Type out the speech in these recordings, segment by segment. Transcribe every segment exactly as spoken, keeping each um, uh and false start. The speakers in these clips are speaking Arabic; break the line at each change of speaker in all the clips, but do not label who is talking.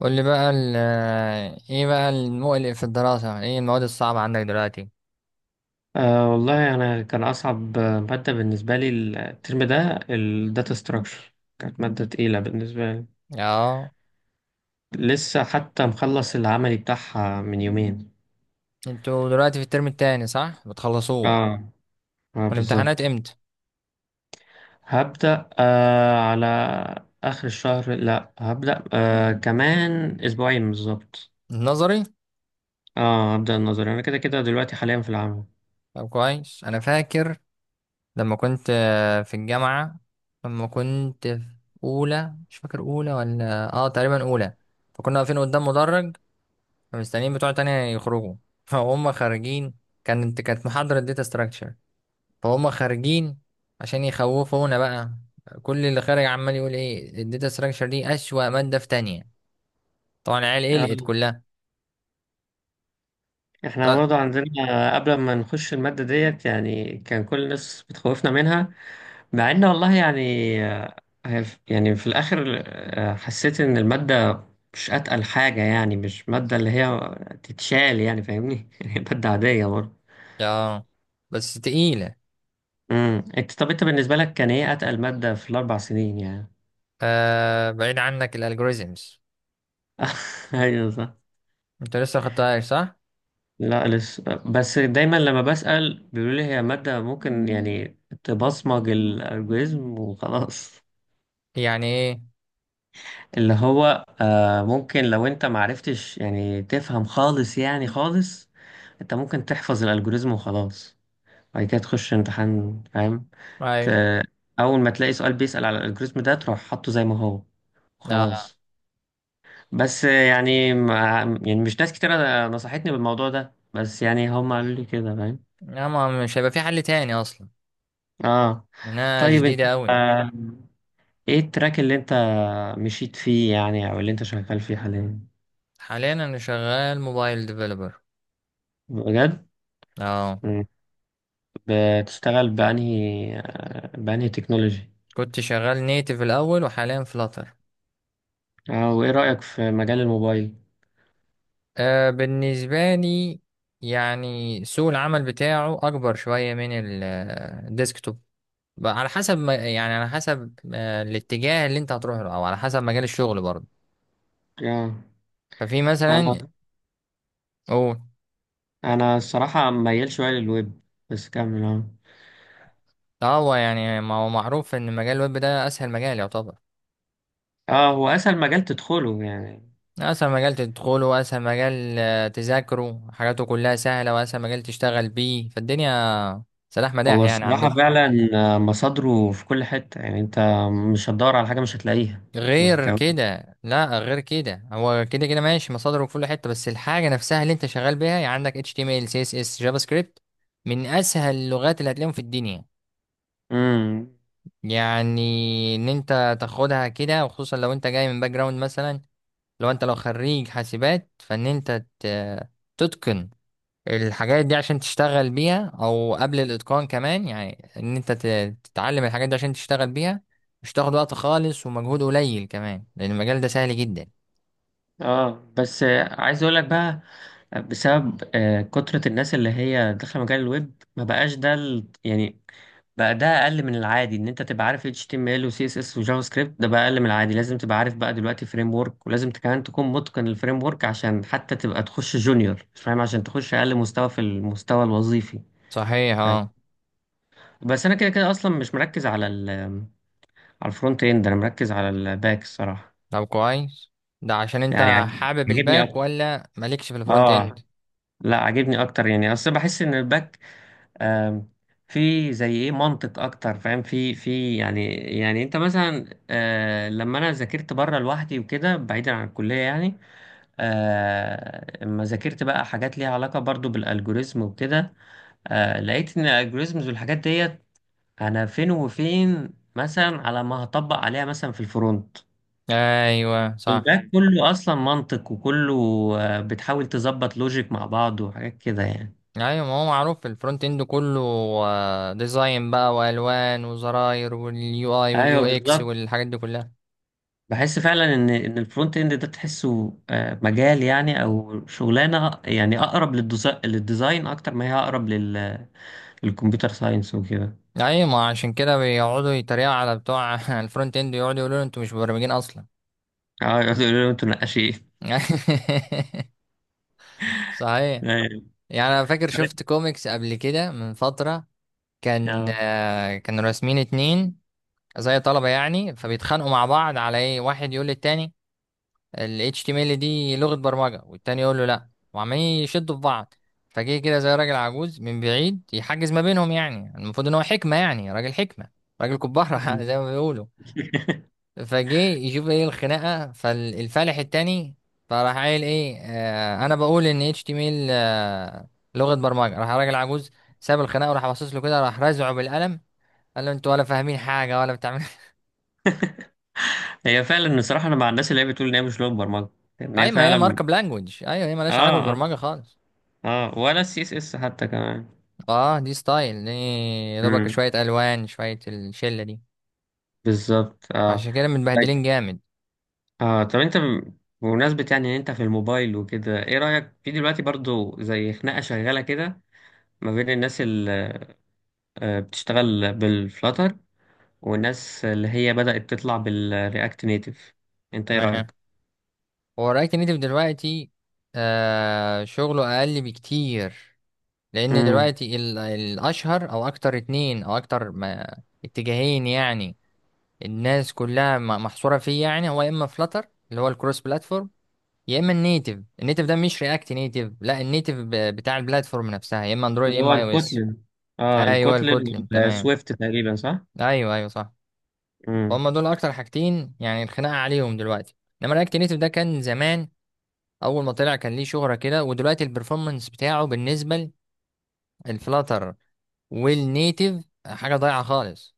قول لي بقى ال ايه بقى المقلق في الدراسة؟ ايه المواد الصعبة عندك دلوقتي؟
أه، والله أنا كان أصعب مادة بالنسبة لي الترم ده، الداتا ستراكشر كانت مادة تقيلة بالنسبة لي.
اه.
لسه حتى مخلص العملي بتاعها من يومين.
انتوا دلوقتي في الترم التاني صح بتخلصوه؟
اه، اه
والامتحانات
بالظبط.
امتى؟
هبدأ آه على آخر الشهر، لا، هبدأ آه كمان أسبوعين بالظبط.
النظري؟
اه، هبدأ النظري. أنا كده كده دلوقتي حاليا في العمل.
طب كويس، انا فاكر لما كنت آه، في الجامعة، لما كنت في اولى، مش فاكر اولى ولا اه تقريبا اولى. فكنا واقفين قدام مدرج فمستنيين بتوع تانية يخرجوا فهم خارجين. كانت كانت محاضرة داتا ستراكشر، فهم خارجين عشان يخوفونا بقى. كل اللي خارج عمال يقول ايه الداتا ستراكشر دي، اسوأ مادة في تانية. طبعا العيال قلقت
آه.
كلها.
احنا
طب.
برضه عندنا قبل ما نخش المادة ديت، يعني كان كل الناس بتخوفنا منها. مع ان والله يعني، آه، هي ف- يعني في الاخر، آه، حسيت ان المادة مش اتقل حاجة. يعني مش مادة اللي هي تتشال، يعني فاهمني. هي مادة عادية برضه.
يا، بس تقيلة.
امم انت، طب انت بالنسبة لك كان ايه اتقل مادة في الاربع سنين يعني؟
آه بعيد عنك الالجوريزمز.
ايوه صح.
انت لسه خدتهاش صح؟
لا، لسه. بس دايما لما بسأل بيقولوا لي هي مادة ممكن يعني تبصمج الالجوريزم وخلاص.
يعني ايه؟
اللي هو آه ممكن، لو انت معرفتش يعني تفهم خالص يعني خالص، انت ممكن تحفظ الالجوريزم وخلاص. بعد كده تخش امتحان فاهم.
ايوه.
ت- اول ما تلاقي سؤال بيسأل على الالجوريزم ده تروح حاطه زي ما هو
اه.
خلاص. بس يعني مع يعني مش ناس كتير نصحتني بالموضوع ده، بس يعني هم قالوا لي كده فاهم.
لا، ما مش هيبقى في حل تاني اصلا.
اه،
انا
طيب انت،
جديدة قوي.
آه ايه التراك اللي انت مشيت فيه يعني، او اللي انت شغال فيه حاليا؟
حاليا انا شغال موبايل ديفلوبر.
بجد؟
اه.
بتشتغل بأنهي آه، بأنهي تكنولوجي؟
كنت شغال نيتف الاول وحاليا فلاتر.
اه، وإيه رأيك في مجال الموبايل؟
آه بالنسبة لي، يعني سوق العمل بتاعه أكبر شوية من ال- آه، الديسكتوب. بقى على حسب ما يعني، على حسب آه، الاتجاه اللي أنت هتروح له، أو على حسب مجال الشغل برضه.
اه،
ففي
أنا
مثلا، أو،
أنا الصراحة ميال شوية للويب. بس كمل. اه.
اه هو يعني ما هو معروف إن مجال الويب ده أسهل مجال يعتبر.
اه، هو أسهل مجال تدخله يعني.
أسهل مجال تدخله، وأسهل مجال آه، تذاكره، حاجاته كلها سهلة، وأسهل مجال تشتغل بيه فالدنيا. سلاح مداح
هو
يعني
الصراحة
عندكم.
فعلا آه، مصادره في كل حتة، يعني أنت مش هتدور على حاجة مش هتلاقيها.
غير
كمان.
كده، لا غير كده هو كده كده ماشي، مصادره في كل حته، بس الحاجه نفسها اللي انت شغال بيها، يعني عندك إتش تي إم إل سي إس إس جافا سكريبت، من اسهل اللغات اللي هتلاقيهم في الدنيا.
امم
يعني ان انت تاخدها كده، وخصوصا لو انت جاي من باك جراوند مثلا، لو انت، لو خريج حاسبات، فان انت ت- تتقن الحاجات دي عشان تشتغل بيها، او قبل الاتقان كمان، يعني ان انت ت- تتعلم الحاجات دي عشان تشتغل بيها. مش تاخد وقت خالص، ومجهود قليل كمان، لان المجال ده سهل جدا.
اه، بس آه، عايز اقول لك بقى، آه، بسبب آه، كترة الناس اللي هي داخله مجال الويب، ما بقاش ده ال- يعني، بقى ده اقل من العادي ان انت تبقى عارف H T M L و C S S و جافا سكريبت، ده بقى اقل من العادي، لازم تبقى عارف بقى دلوقتي فريم ورك، ولازم كمان تكون متقن الفريم ورك عشان حتى تبقى تخش جونيور، مش فاهم، عشان تخش اقل مستوى في المستوى الوظيفي.
صحيح
فاهم.
اه.
بس انا كده كده اصلا مش مركز على ال على الفرونت اند، انا مركز على الباك الصراحه.
طب كويس. ده عشان
يعني
انت
عاجب-
حابب
عاجبني
الباك
اكتر.
ولا مالكش في الفرونت اند؟
اه. لا، عاجبني اكتر. يعني اصل بحس ان الباك، آم، في زي ايه منطق اكتر فاهم، في في يعني يعني انت مثلا، آه، لما انا ذاكرت بره لوحدي وكده بعيدا عن الكليه يعني، آه، اما ذاكرت بقى حاجات ليها علاقه برضو بالالجوريزم وكده، آه، لقيت ان الالجوريزمز والحاجات ديت، انا فين وفين مثلا على ما هطبق عليها مثلا في الفرونت.
ايوه صح.
الباك كله اصلا منطق، وكله آه، بتحاول تظبط لوجيك مع بعض وحاجات كده يعني.
ايوه، ما هو معروف الفرونت اند كله آه، ديزاين بقى، والوان وزراير واليو اي واليو
ايوه
اكس
بالظبط.
والحاجات دي كلها.
بحس فعلا ان ان الفرونت اند ده تحسه آه، مجال يعني، او شغلانه يعني اقرب للديزا- للديزاين، اكتر ما هي اقرب لل- للكمبيوتر ساينس وكده.
ايوه، ما عشان كده بيقعدوا يتريقوا على بتوع الفرونت اند، يقعدوا يقولوا انتوا مش مبرمجين اصلا.
اه يقولوا انتوا نقاشين.
صحيح.
أيوة.
يعني انا فاكر
عرفت؟
شفت كوميكس قبل كده من فترة. كان
اه،
آه، كانوا راسمين اتنين، زي طلبة يعني، فبيتخانقوا مع بعض على ايه، واحد يقول للتاني ال H T M L دي لغة برمجة، والتاني يقول له لا. وعمالين يشدوا في بعض، فجه كده زي راجل عجوز من بعيد يحجز ما بينهم. يعني المفروض ان هو حكمة، يعني راجل حكمة، راجل كبارة زي ما بيقولوا. فجه يشوف ايه الخناقة، فالفالح التاني فراح قايل ايه، آه انا بقول ان إتش تي إم إل آه لغة برمجة. راح راجل عجوز ساب الخناقة، وراح باصص له كده، راح رازعه بالقلم. قال له انتوا ولا فاهمين حاجة ولا بتعمل.
هي فعلا الصراحه انا مع الناس اللي هي بتقول ان هي مش لغه برمجه، ان
اي،
هي
ما هي
فعلا.
ماركة بلانجوج. ايوه، هي مالهاش علاقة
اه، اه.
بالبرمجة خالص.
اه، ولا السي اس اس حتى كمان.
اه دي ستايل دي. يا دوبك
امم
شوية الوان، شوية الشلة دي.
بالظبط. اه.
عشان كده متبهدلين
طيب،
جامد.
اه، طب انت ب- بمناسبة يعني ان انت في الموبايل وكده، ايه رأيك في دلوقتي برضو زي خناقة شغالة كده، ما بين الناس اللي آه، بتشتغل بالفلاتر، والناس اللي هي بدأت تطلع بالرياكت نيتف، انت ايه
تمام.
رأيك؟
هو الرايت نيتف دلوقتي آه شغله اقل بكتير، لان
امم.
دلوقتي ال- الاشهر او اكتر، اتنين او اكتر ما اتجاهين يعني. الناس كلها م- محصورة فيه. يعني هو يا اما فلاتر اللي هو الكروس بلاتفورم، يا اما النيتف. النيتف ده مش رياكت نيتف، لا، النيتف ب- بتاع البلاتفورم نفسها، يا اما اندرويد
اللي
يا
هو
اما اي او اس.
الكوتلن. اه،
ايوه
الكوتلن.
الكوتلين تمام.
والسويفت تقريبا صح؟
ايوه ايوه صح. فهم
امم.
دول اكتر حاجتين يعني الخناقه عليهم دلوقتي. انما رياكت نيتف ده كان زمان، اول ما طلع كان ليه شهره كده، ودلوقتي البرفورمانس بتاعه بالنسبه للفلاتر والنيتف حاجه ضايعه خالص.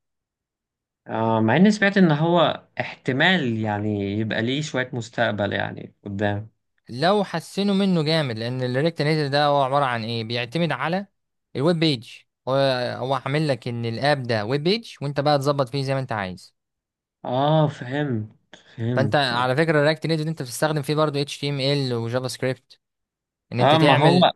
آه مع اني سمعت ان هو احتمال يعني يبقى ليه شوية مستقبل يعني قدام.
لو حسنوا منه جامد. لان الرياكت نيتف ده هو عباره عن ايه، بيعتمد على الويب بيج. هو، هو عامل لك ان الاب ده ويب بيج، وانت بقى تظبط فيه زي ما انت عايز.
اه، فهمت
فانت
فهمت.
على فكره الرياكت نيتف انت بتستخدم فيه برضه اتش تي ام ال وجافا سكريبت، ان انت
اه، ما
تعمل.
هو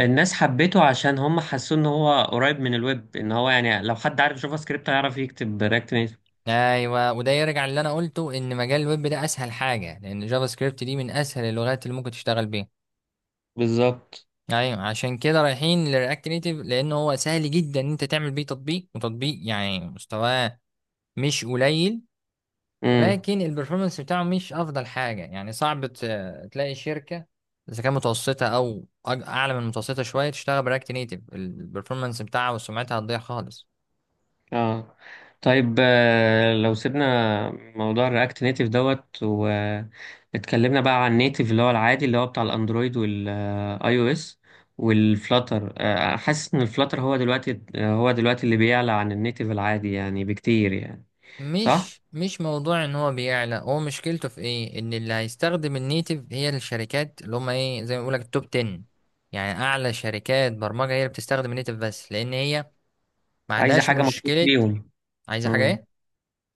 الناس حبيته عشان هم حسوا ان هو قريب من الويب، ان هو يعني لو حد عارف جافا سكريبت هيعرف يكتب رياكت نيتف.
ايوه وده يرجع اللي انا قلته، ان مجال الويب ده اسهل حاجه، لان جافا سكريبت دي من اسهل اللغات اللي ممكن تشتغل بيها.
بالظبط.
ايوه عشان كده رايحين لرياكت نيتيف، لان هو سهل جدا ان انت تعمل بيه تطبيق، وتطبيق يعني مستواه مش قليل.
امم.
ولكن البرفورمانس بتاعه مش افضل حاجه، يعني صعب ت- تلاقي شركه، اذا كانت متوسطه او أج- اعلى من المتوسطه شويه، تشتغل برياكت نيتيف، البرفورمانس بتاعها وسمعتها هتضيع خالص.
اه، طيب، آه، لو سيبنا موضوع الرياكت نيتيف دوت، واتكلمنا بقى عن النيتيف اللي هو العادي اللي هو بتاع الاندرويد والاي او اس، والفلاتر، حاسس ان الفلاتر هو دلوقتي آه، هو دلوقتي اللي بيعلى عن النيتيف العادي يعني بكتير يعني. صح.
مش مش موضوع ان هو بيعلى، هو مشكلته في ايه، ان اللي هيستخدم النيتف هي الشركات اللي هم ايه، زي ما بيقولك التوب عشرة. يعني اعلى شركات برمجة هي اللي بتستخدم النيتف، بس لان هي ما
عايزه
عندهاش
حاجه مخصوص
مشكلة.
ليهم.
عايزة حاجة
امم
ايه؟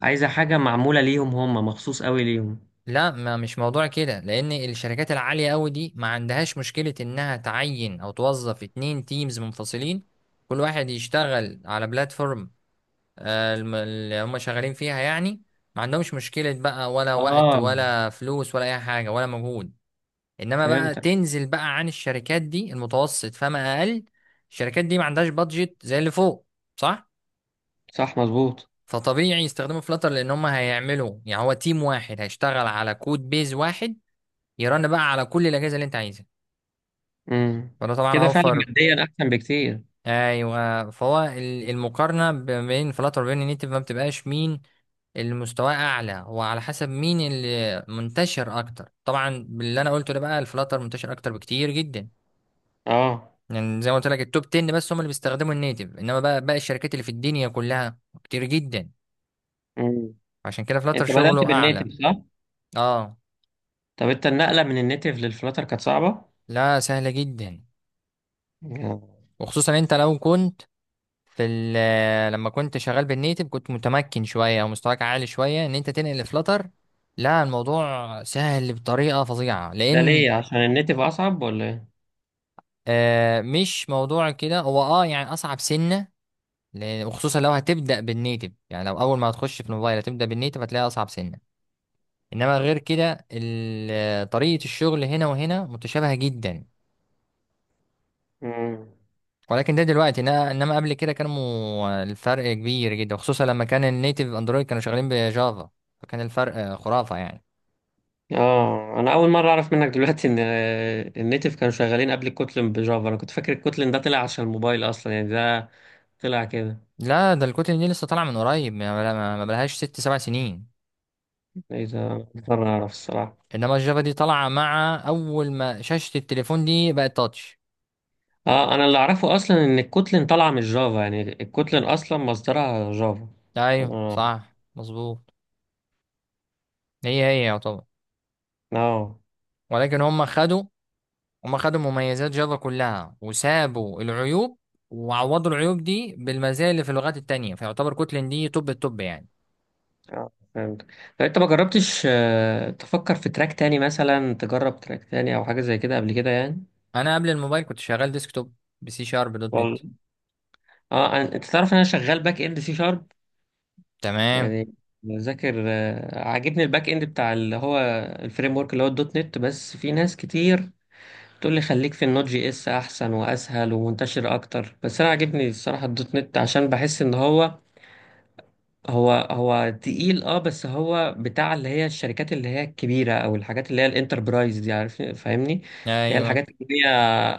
عايزه حاجه معموله ليهم، هم مخصوص قوي ليهم.
لا ما مش موضوع كده، لان الشركات العالية قوي دي ما عندهاش مشكلة انها تعين او توظف اتنين تيمز منفصلين، كل واحد يشتغل على بلاتفورم آه، الم- اللي هم شغالين فيها يعني. ما عندهمش مشكلة بقى، ولا وقت
اه،
ولا فلوس ولا أي حاجة ولا مجهود. إنما بقى
فهمتك.
تنزل بقى عن الشركات دي، المتوسط فما أقل، الشركات دي ما عندهاش بادجت زي اللي فوق، صح؟
صح مظبوط.
فطبيعي يستخدموا فلاتر، لأن هم هيعملوا يعني هو تيم واحد هيشتغل على كود بيز واحد، يرن بقى على كل الأجهزة اللي أنت عايزها.
امم
فده طبعا
كده فعلا
أوفر.
ماديا احسن بكتير.
أيوه. فهو ال- المقارنة ب- بين فلاتر وبين نيتف ما بتبقاش مين اللي مستواه اعلى، وعلى حسب مين اللي منتشر اكتر. طبعا باللي انا قلته ده بقى، الفلاتر منتشر اكتر بكتير جدا.
اه.
يعني زي ما قلت لك التوب عشرة بس هم اللي بيستخدموا النيتف، انما بقى باقي الشركات اللي في الدنيا كلها كتير جدا.
مم.
عشان كده فلاتر
انت بدأت
شغله
بالنيتف
اعلى.
صح؟
اه.
طب انت النقلة من النيتف للفلاتر كانت صعبة؟
لا سهله جدا،
مم.
وخصوصا انت لو كنت في ال- لما كنت شغال بالنيتف، كنت متمكن شويه او مستواك عالي شويه، ان انت تنقل لفلاتر، لا الموضوع سهل بطريقه فظيعه،
ده
لان
ليه؟ عشان النيتف أصعب ولا ايه؟
آه مش موضوع كده، هو اه يعني اصعب سنه. لأن- وخصوصا لو هتبدا بالنيتف، يعني لو اول ما هتخش في الموبايل هتبدا بالنيتف، هتلاقي اصعب سنه. انما غير كده ال- آه، طريقه الشغل هنا وهنا متشابهه جدا.
مم.
ولكن ده دلوقتي، إنما إنما قبل كده كانوا، الفرق كبير جدا، وخصوصا لما كان النيتف اندرويد كانوا شغالين بجافا، فكان الفرق آه، خرافه يعني.
اه، انا اول مرة اعرف منك دلوقتي ان آه، النيتف كانوا شغالين قبل الكوتلين بجافا. انا كنت فاكر الكوتلين ده طلع عشان الموبايل اصلا يعني، ده طلع كده.
لا ده الكتل دي لسه طالعه من قريب، ما ما- ما بلهاش ست سبع سنين.
ايه ده، أول مرة اعرف الصراحة.
انما الجافا دي طالعه مع اول ما شاشه التليفون دي بقت تاتش.
اه، انا اللي اعرفه اصلا ان الكوتلين طالعة من الجافا، يعني الكوتلين اصلا مصدرها جافا.
ايوه
اه.
صح مظبوط. هي هي يعتبر.
آه.
ولكن هم خدوا هم خدوا مميزات جافا كلها وسابوا العيوب، وعوضوا العيوب دي بالمزايا اللي في اللغات التانية، فيعتبر كوتلين دي توب التوب يعني.
اه، فهمت. طب انت ما جربتش آه، تفكر في تراك تاني مثلا، تجرب تراك تاني او حاجه زي كده قبل كده يعني؟
انا قبل الموبايل كنت شغال ديسكتوب، بسي شارب دوت نت.
والله. اه، أنا- انت تعرف ان انا شغال باك اند سي شارب.
تمام.
يعني بذاكر، آه، عاجبني الباك اند بتاع اللي هو الفريم ورك اللي هو الدوت نت. بس في ناس كتير تقول لي خليك في النوت جي اس، احسن واسهل ومنتشر اكتر. بس انا عاجبني الصراحه الدوت نت، عشان بحس ان هو هو هو تقيل. اه، بس هو بتاع اللي هي الشركات اللي هي الكبيرة، او الحاجات اللي هي الانتربرايز دي عارف، فاهمني، اللي هي
ايوه
الحاجات اللي هي،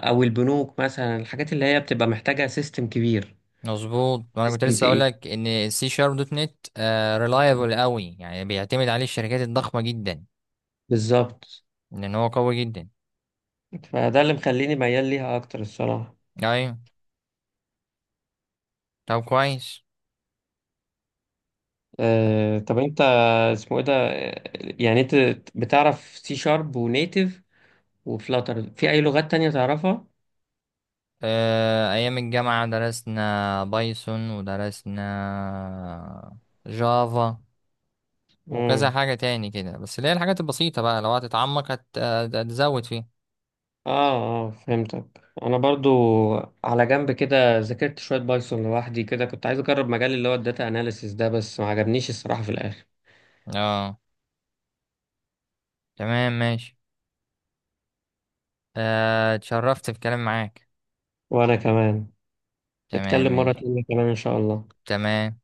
او البنوك مثلا، الحاجات اللي هي بتبقى محتاجة سيستم كبير.
مظبوط، وانا كنت
سيستم
لسه اقول
تقيل،
لك ان السي شارب دوت نت آه ريلايبل قوي، يعني بيعتمد عليه الشركات الضخمة جدا،
بالظبط.
لان هو قوي جدا.
فده اللي مخليني ميال ليها اكتر الصراحة.
ايوه. طب كويس.
آه طب انت، اسمه ايه ده، آه، يعني انت بتعرف سي شارب ونيتف وفلاتر، في اي لغات تانية تعرفها؟
آه، أيام الجامعة درسنا بايثون ودرسنا جافا، وكذا
مم.
حاجة تاني كده، بس اللي هي الحاجات البسيطة بقى، لو هتتعمق هت- هت- هتزود فيها.
اه، اه، فهمتك. انا برضو على جنب كده ذاكرت شويه بايثون لوحدي كده، كنت عايز اجرب مجال اللي هو الداتا اناليسيس ده، بس ما عجبنيش الصراحه في الاخر.
اه. تمام ماشي. آه، اتشرفت في الكلام معاك.
وانا كمان.
تمام
نتكلم مره
ماشي.
تانية كمان ان شاء الله.
تمام.